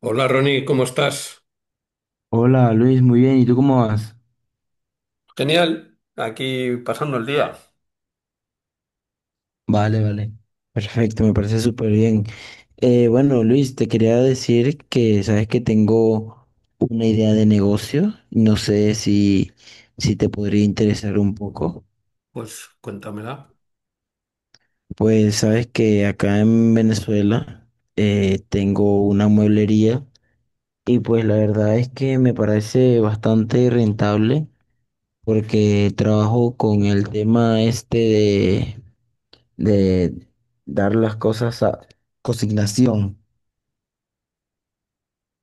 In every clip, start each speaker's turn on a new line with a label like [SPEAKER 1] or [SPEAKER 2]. [SPEAKER 1] Hola Ronnie, ¿cómo estás?
[SPEAKER 2] Hola Luis, muy bien, ¿y tú cómo vas?
[SPEAKER 1] Genial, aquí pasando el día.
[SPEAKER 2] Vale, vale. Perfecto, me parece súper bien. Bueno, Luis, te quería decir que sabes que tengo una idea de negocio. No sé si te podría interesar un poco.
[SPEAKER 1] Pues cuéntamela.
[SPEAKER 2] Pues sabes que acá en Venezuela tengo una mueblería y pues la verdad es que me parece bastante rentable porque trabajo con el tema este de dar las cosas a consignación.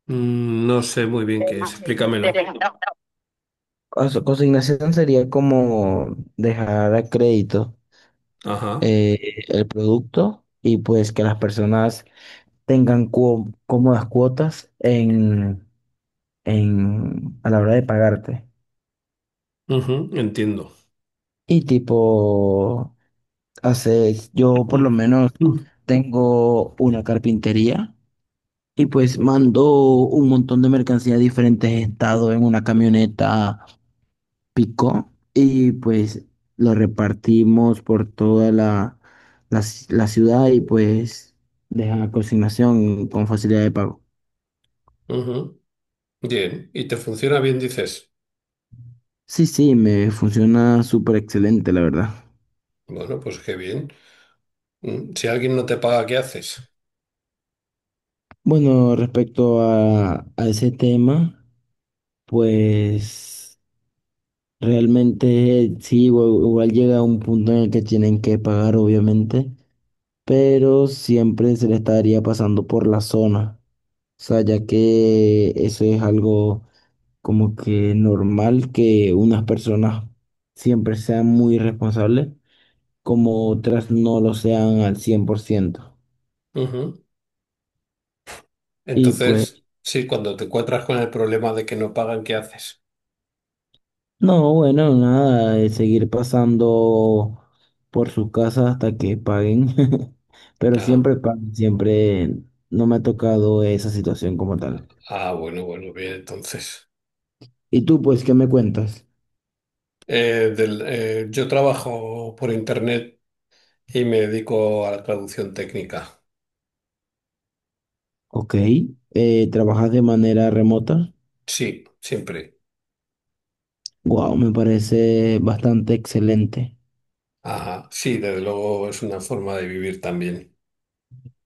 [SPEAKER 1] No sé muy bien qué es, explícamelo.
[SPEAKER 2] Consignación sería como dejar a crédito
[SPEAKER 1] Ajá,
[SPEAKER 2] eh, el producto y pues que las personas tengan cómodas cuotas en, a la hora de pagarte.
[SPEAKER 1] ujú, entiendo.
[SPEAKER 2] Y tipo, hace, yo por lo
[SPEAKER 1] Mm,
[SPEAKER 2] menos
[SPEAKER 1] mm,
[SPEAKER 2] tengo una carpintería y pues mando un montón de mercancía a diferentes estados en una camioneta picó y pues lo repartimos por toda la ciudad y pues deja la consignación con facilidad de pago.
[SPEAKER 1] ujú. Bien, ¿y te funciona bien, dices?
[SPEAKER 2] Sí, sí, me funciona súper excelente, la verdad.
[SPEAKER 1] Bueno, pues qué bien. Mm. Si alguien no te paga, ¿qué haces?
[SPEAKER 2] Bueno, respecto a ese tema, pues realmente sí, igual llega un punto en el que tienen que pagar, obviamente, pero siempre se le estaría pasando por la zona. O sea, ya que eso es algo como que normal, que unas personas siempre sean muy responsables, como otras no lo sean al cien por ciento.
[SPEAKER 1] Ujú.
[SPEAKER 2] Y pues,
[SPEAKER 1] Entonces, sí, cuando te encuentras con el problema de que no pagan, ¿qué haces?
[SPEAKER 2] no, bueno, nada, es seguir pasando por sus casas hasta que paguen, pero
[SPEAKER 1] Ah,
[SPEAKER 2] siempre pagan, siempre no me ha tocado esa situación como tal.
[SPEAKER 1] ah, bueno, bueno, bien, entonces.
[SPEAKER 2] ¿Y tú, pues, qué me cuentas?
[SPEAKER 1] Yo trabajo por internet y me dedico a la traducción técnica.
[SPEAKER 2] Ok, ¿trabajas de manera remota?
[SPEAKER 1] Sí, siempre.
[SPEAKER 2] Wow, me parece bastante excelente.
[SPEAKER 1] Ajá. Sí, desde luego es una forma de vivir también.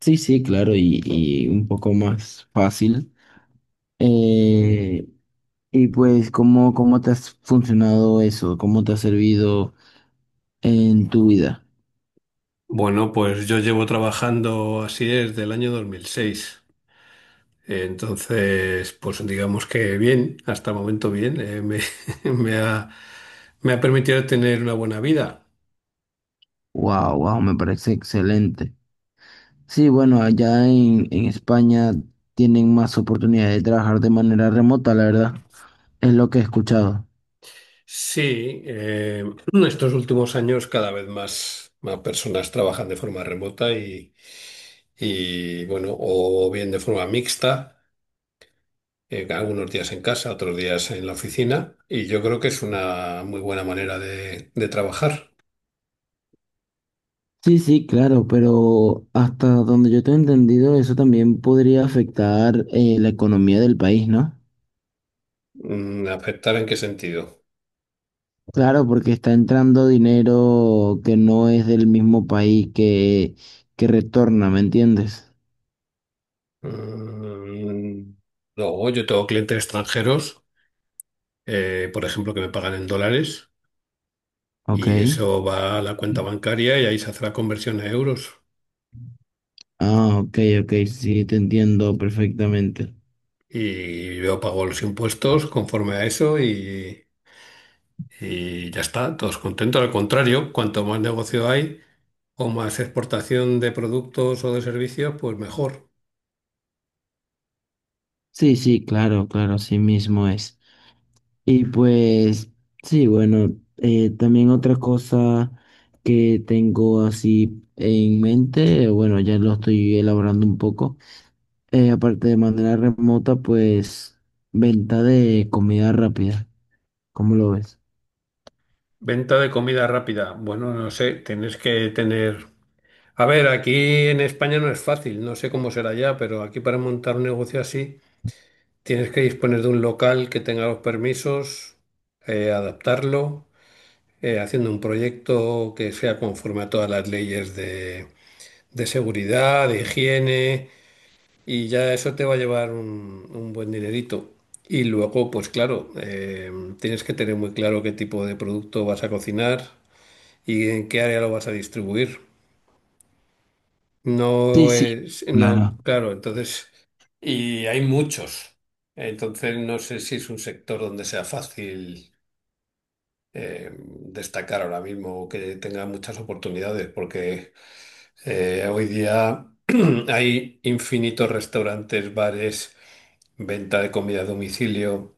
[SPEAKER 2] Sí, sí, claro, y un poco más fácil. Eh, y pues, ¿cómo te ha funcionado eso? ¿Cómo te ha servido en tu vida?
[SPEAKER 1] Bueno, pues yo llevo trabajando así desde el año 2006. Entonces, pues digamos que bien, hasta el momento bien, me, me ha, me ha permitido tener una buena vida.
[SPEAKER 2] Wow, wow, me parece excelente. Sí, bueno, allá en España tienen más oportunidad de trabajar de manera remota, la verdad. Es lo que he escuchado.
[SPEAKER 1] Sí, estos últimos años cada vez más personas trabajan de forma remota y bueno, o bien de forma mixta. Eh, algunos días en casa, otros días en la oficina, y yo creo que es una muy buena manera de trabajar.
[SPEAKER 2] Sí, sí, claro, pero hasta donde yo te he entendido, eso también podría afectar la economía del país, ¿no?
[SPEAKER 1] Mm, ¿afectar en qué sentido?
[SPEAKER 2] Claro, porque está entrando dinero que no es del mismo país que retorna, ¿me entiendes?
[SPEAKER 1] Mm, Luego yo tengo clientes extranjeros, por ejemplo, que me pagan en dólares,
[SPEAKER 2] Ok.
[SPEAKER 1] y eso va a la cuenta bancaria y ahí se hace la conversión a euros.
[SPEAKER 2] Ah, ok, ok, sí, te entiendo perfectamente.
[SPEAKER 1] Y yo pago los impuestos conforme a eso y ya está, todos contentos. Al contrario, cuanto más negocio hay, o más exportación de productos o de servicios, pues mejor.
[SPEAKER 2] Sí, sí, claro, claro, así mismo es. Y pues, sí, bueno, también otra cosa que tengo así en mente, bueno, ya lo estoy elaborando un poco, aparte de manera remota, pues venta de comida rápida. ¿Cómo lo ves?
[SPEAKER 1] Venta de comida rápida. Bueno, no sé, tienes que tener... A ver, aquí en España no es fácil, no sé cómo será ya, pero aquí para montar un negocio así tienes que disponer de un local que tenga los permisos, adaptarlo, haciendo un proyecto que sea conforme a todas las leyes de seguridad, de higiene, y ya eso te va a llevar un buen dinerito. Y luego, pues claro, tienes que tener muy claro qué tipo de producto vas a cocinar y en qué área lo vas a distribuir.
[SPEAKER 2] Sí,
[SPEAKER 1] No
[SPEAKER 2] sí,
[SPEAKER 1] es, no,
[SPEAKER 2] claro.
[SPEAKER 1] claro, entonces, y hay muchos. Entonces, no sé si es un sector donde sea fácil destacar ahora mismo o que tenga muchas oportunidades, porque hoy día hay infinitos restaurantes, bares, venta de comida a domicilio.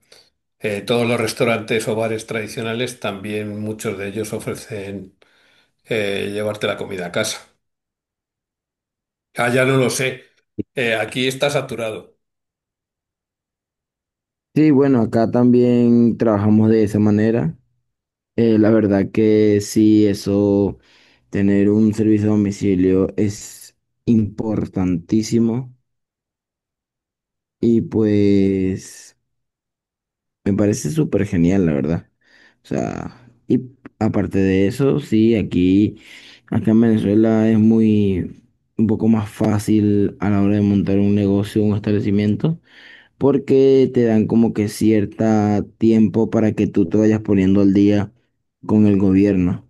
[SPEAKER 1] Todos los restaurantes o bares tradicionales también muchos de ellos ofrecen llevarte la comida a casa. Allá no lo sé. Aquí está saturado.
[SPEAKER 2] Sí, bueno, acá también trabajamos de esa manera. La verdad que sí, eso, tener un servicio a domicilio es importantísimo y pues me parece súper genial, la verdad. O sea, y aparte de eso, sí, aquí, acá en Venezuela es muy, un poco más fácil a la hora de montar un negocio, un establecimiento, porque te dan como que cierta tiempo para que tú te vayas poniendo al día con el gobierno.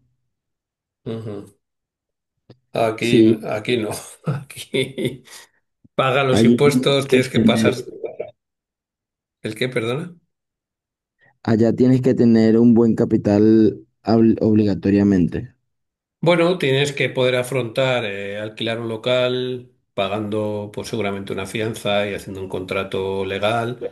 [SPEAKER 1] Ujú. Aquí,
[SPEAKER 2] Sí,
[SPEAKER 1] aquí no. Aquí paga los
[SPEAKER 2] allí tienes
[SPEAKER 1] impuestos,
[SPEAKER 2] que
[SPEAKER 1] tienes que pasar.
[SPEAKER 2] tener,
[SPEAKER 1] ¿El qué, perdona?
[SPEAKER 2] allá tienes que tener un buen capital obligatoriamente.
[SPEAKER 1] Bueno, tienes que poder afrontar alquilar un local pagando pues seguramente una fianza y haciendo un contrato legal.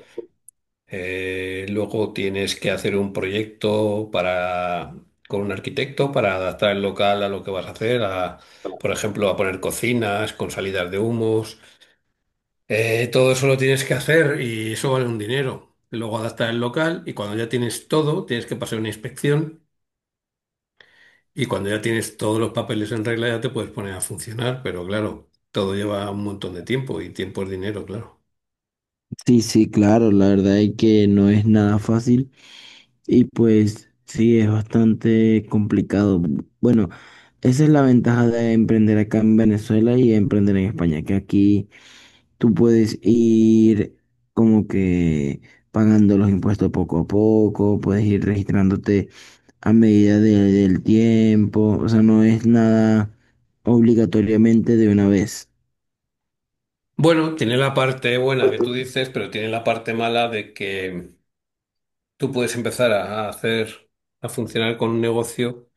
[SPEAKER 1] Luego tienes que hacer un proyecto para con un arquitecto para adaptar el local a lo que vas a hacer, a, por ejemplo, a poner cocinas con salidas de humos. Todo eso lo tienes que hacer y eso vale un dinero. Luego adaptar el local y cuando ya tienes todo, tienes que pasar una inspección. Y cuando ya tienes todos los papeles en regla, ya te puedes poner a funcionar, pero claro, todo lleva un montón de tiempo y tiempo es dinero, claro.
[SPEAKER 2] Sí, sí, claro, la verdad es que no es nada fácil y pues sí, es bastante complicado. Bueno, esa es la ventaja de emprender acá en Venezuela y emprender en España, que aquí tú puedes ir como que pagando los impuestos poco a poco, puedes ir registrándote a medida del tiempo, o sea, no es nada obligatoriamente de una vez.
[SPEAKER 1] Bueno, tiene la parte buena que tú dices, pero tiene la parte mala de que tú puedes empezar a hacer, a funcionar con un negocio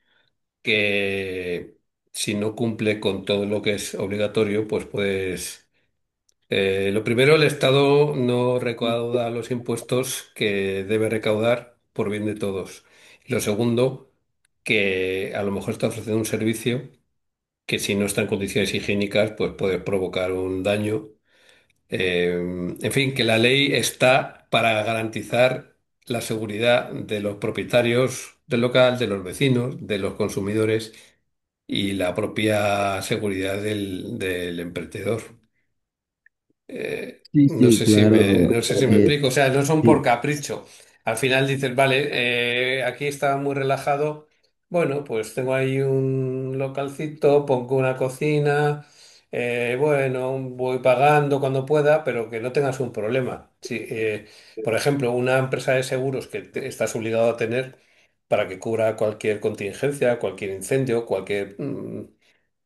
[SPEAKER 1] que si no cumple con todo lo que es obligatorio, pues puedes. Lo primero, el Estado no recauda los impuestos que debe recaudar por bien de todos. Y lo segundo, que a lo mejor está ofreciendo un servicio que si no está en condiciones higiénicas, pues puede provocar un daño. En fin, que la ley está para garantizar la seguridad de los propietarios del local, de los vecinos, de los consumidores y la propia seguridad del, del emprendedor.
[SPEAKER 2] Sí, sí.
[SPEAKER 1] No
[SPEAKER 2] Sí,
[SPEAKER 1] sé si me,
[SPEAKER 2] claro.
[SPEAKER 1] no sé si me
[SPEAKER 2] eh,
[SPEAKER 1] explico. O sea, no son por
[SPEAKER 2] sí,
[SPEAKER 1] capricho. Al final dices, vale, aquí está muy relajado. Bueno, pues tengo ahí un localcito, pongo una cocina. Eh, bueno, voy pagando cuando pueda, pero que no tengas un problema. Si, por ejemplo, una empresa de seguros que te- estás obligado a tener para que cubra cualquier contingencia, cualquier incendio, cualquier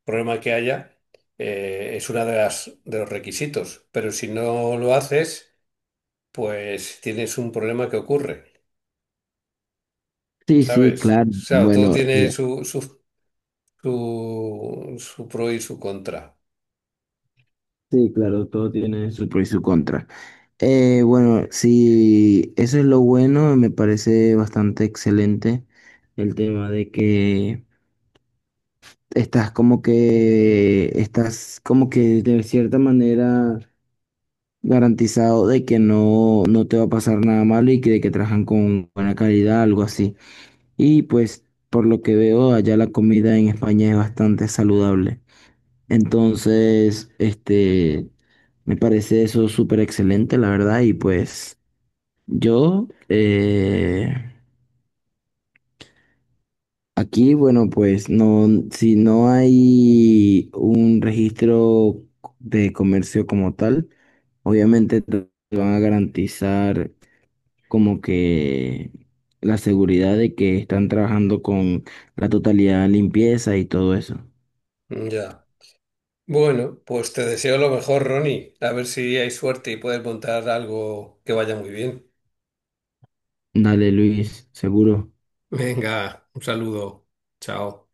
[SPEAKER 1] problema que haya, es una de las de los requisitos. Pero si no lo haces, pues tienes un problema que ocurre,
[SPEAKER 2] sí, sí,
[SPEAKER 1] ¿sabes?
[SPEAKER 2] claro.
[SPEAKER 1] Claro, todo
[SPEAKER 2] Bueno,
[SPEAKER 1] tiene
[SPEAKER 2] mira,
[SPEAKER 1] su, su, su, su pro y su contra.
[SPEAKER 2] sí, claro, todo tiene su pro y su contra. Bueno, sí, eso es lo bueno, me parece bastante excelente el tema de que estás como que de cierta manera garantizado de que no, no te va a pasar nada malo y que de que trabajan con buena calidad, algo así. Y pues, por lo que veo, allá la comida en España es bastante saludable. Entonces, este, me parece eso súper excelente, la verdad, y pues yo, aquí, bueno, pues no, si no hay un registro de comercio como tal, obviamente te van a garantizar como que la seguridad de que están trabajando con la totalidad de limpieza y todo eso.
[SPEAKER 1] Ya. Bueno, pues te deseo lo mejor, Ronnie. A ver si hay suerte y puedes montar algo que vaya muy bien.
[SPEAKER 2] Dale, Luis, seguro.
[SPEAKER 1] Venga, un saludo. Chao.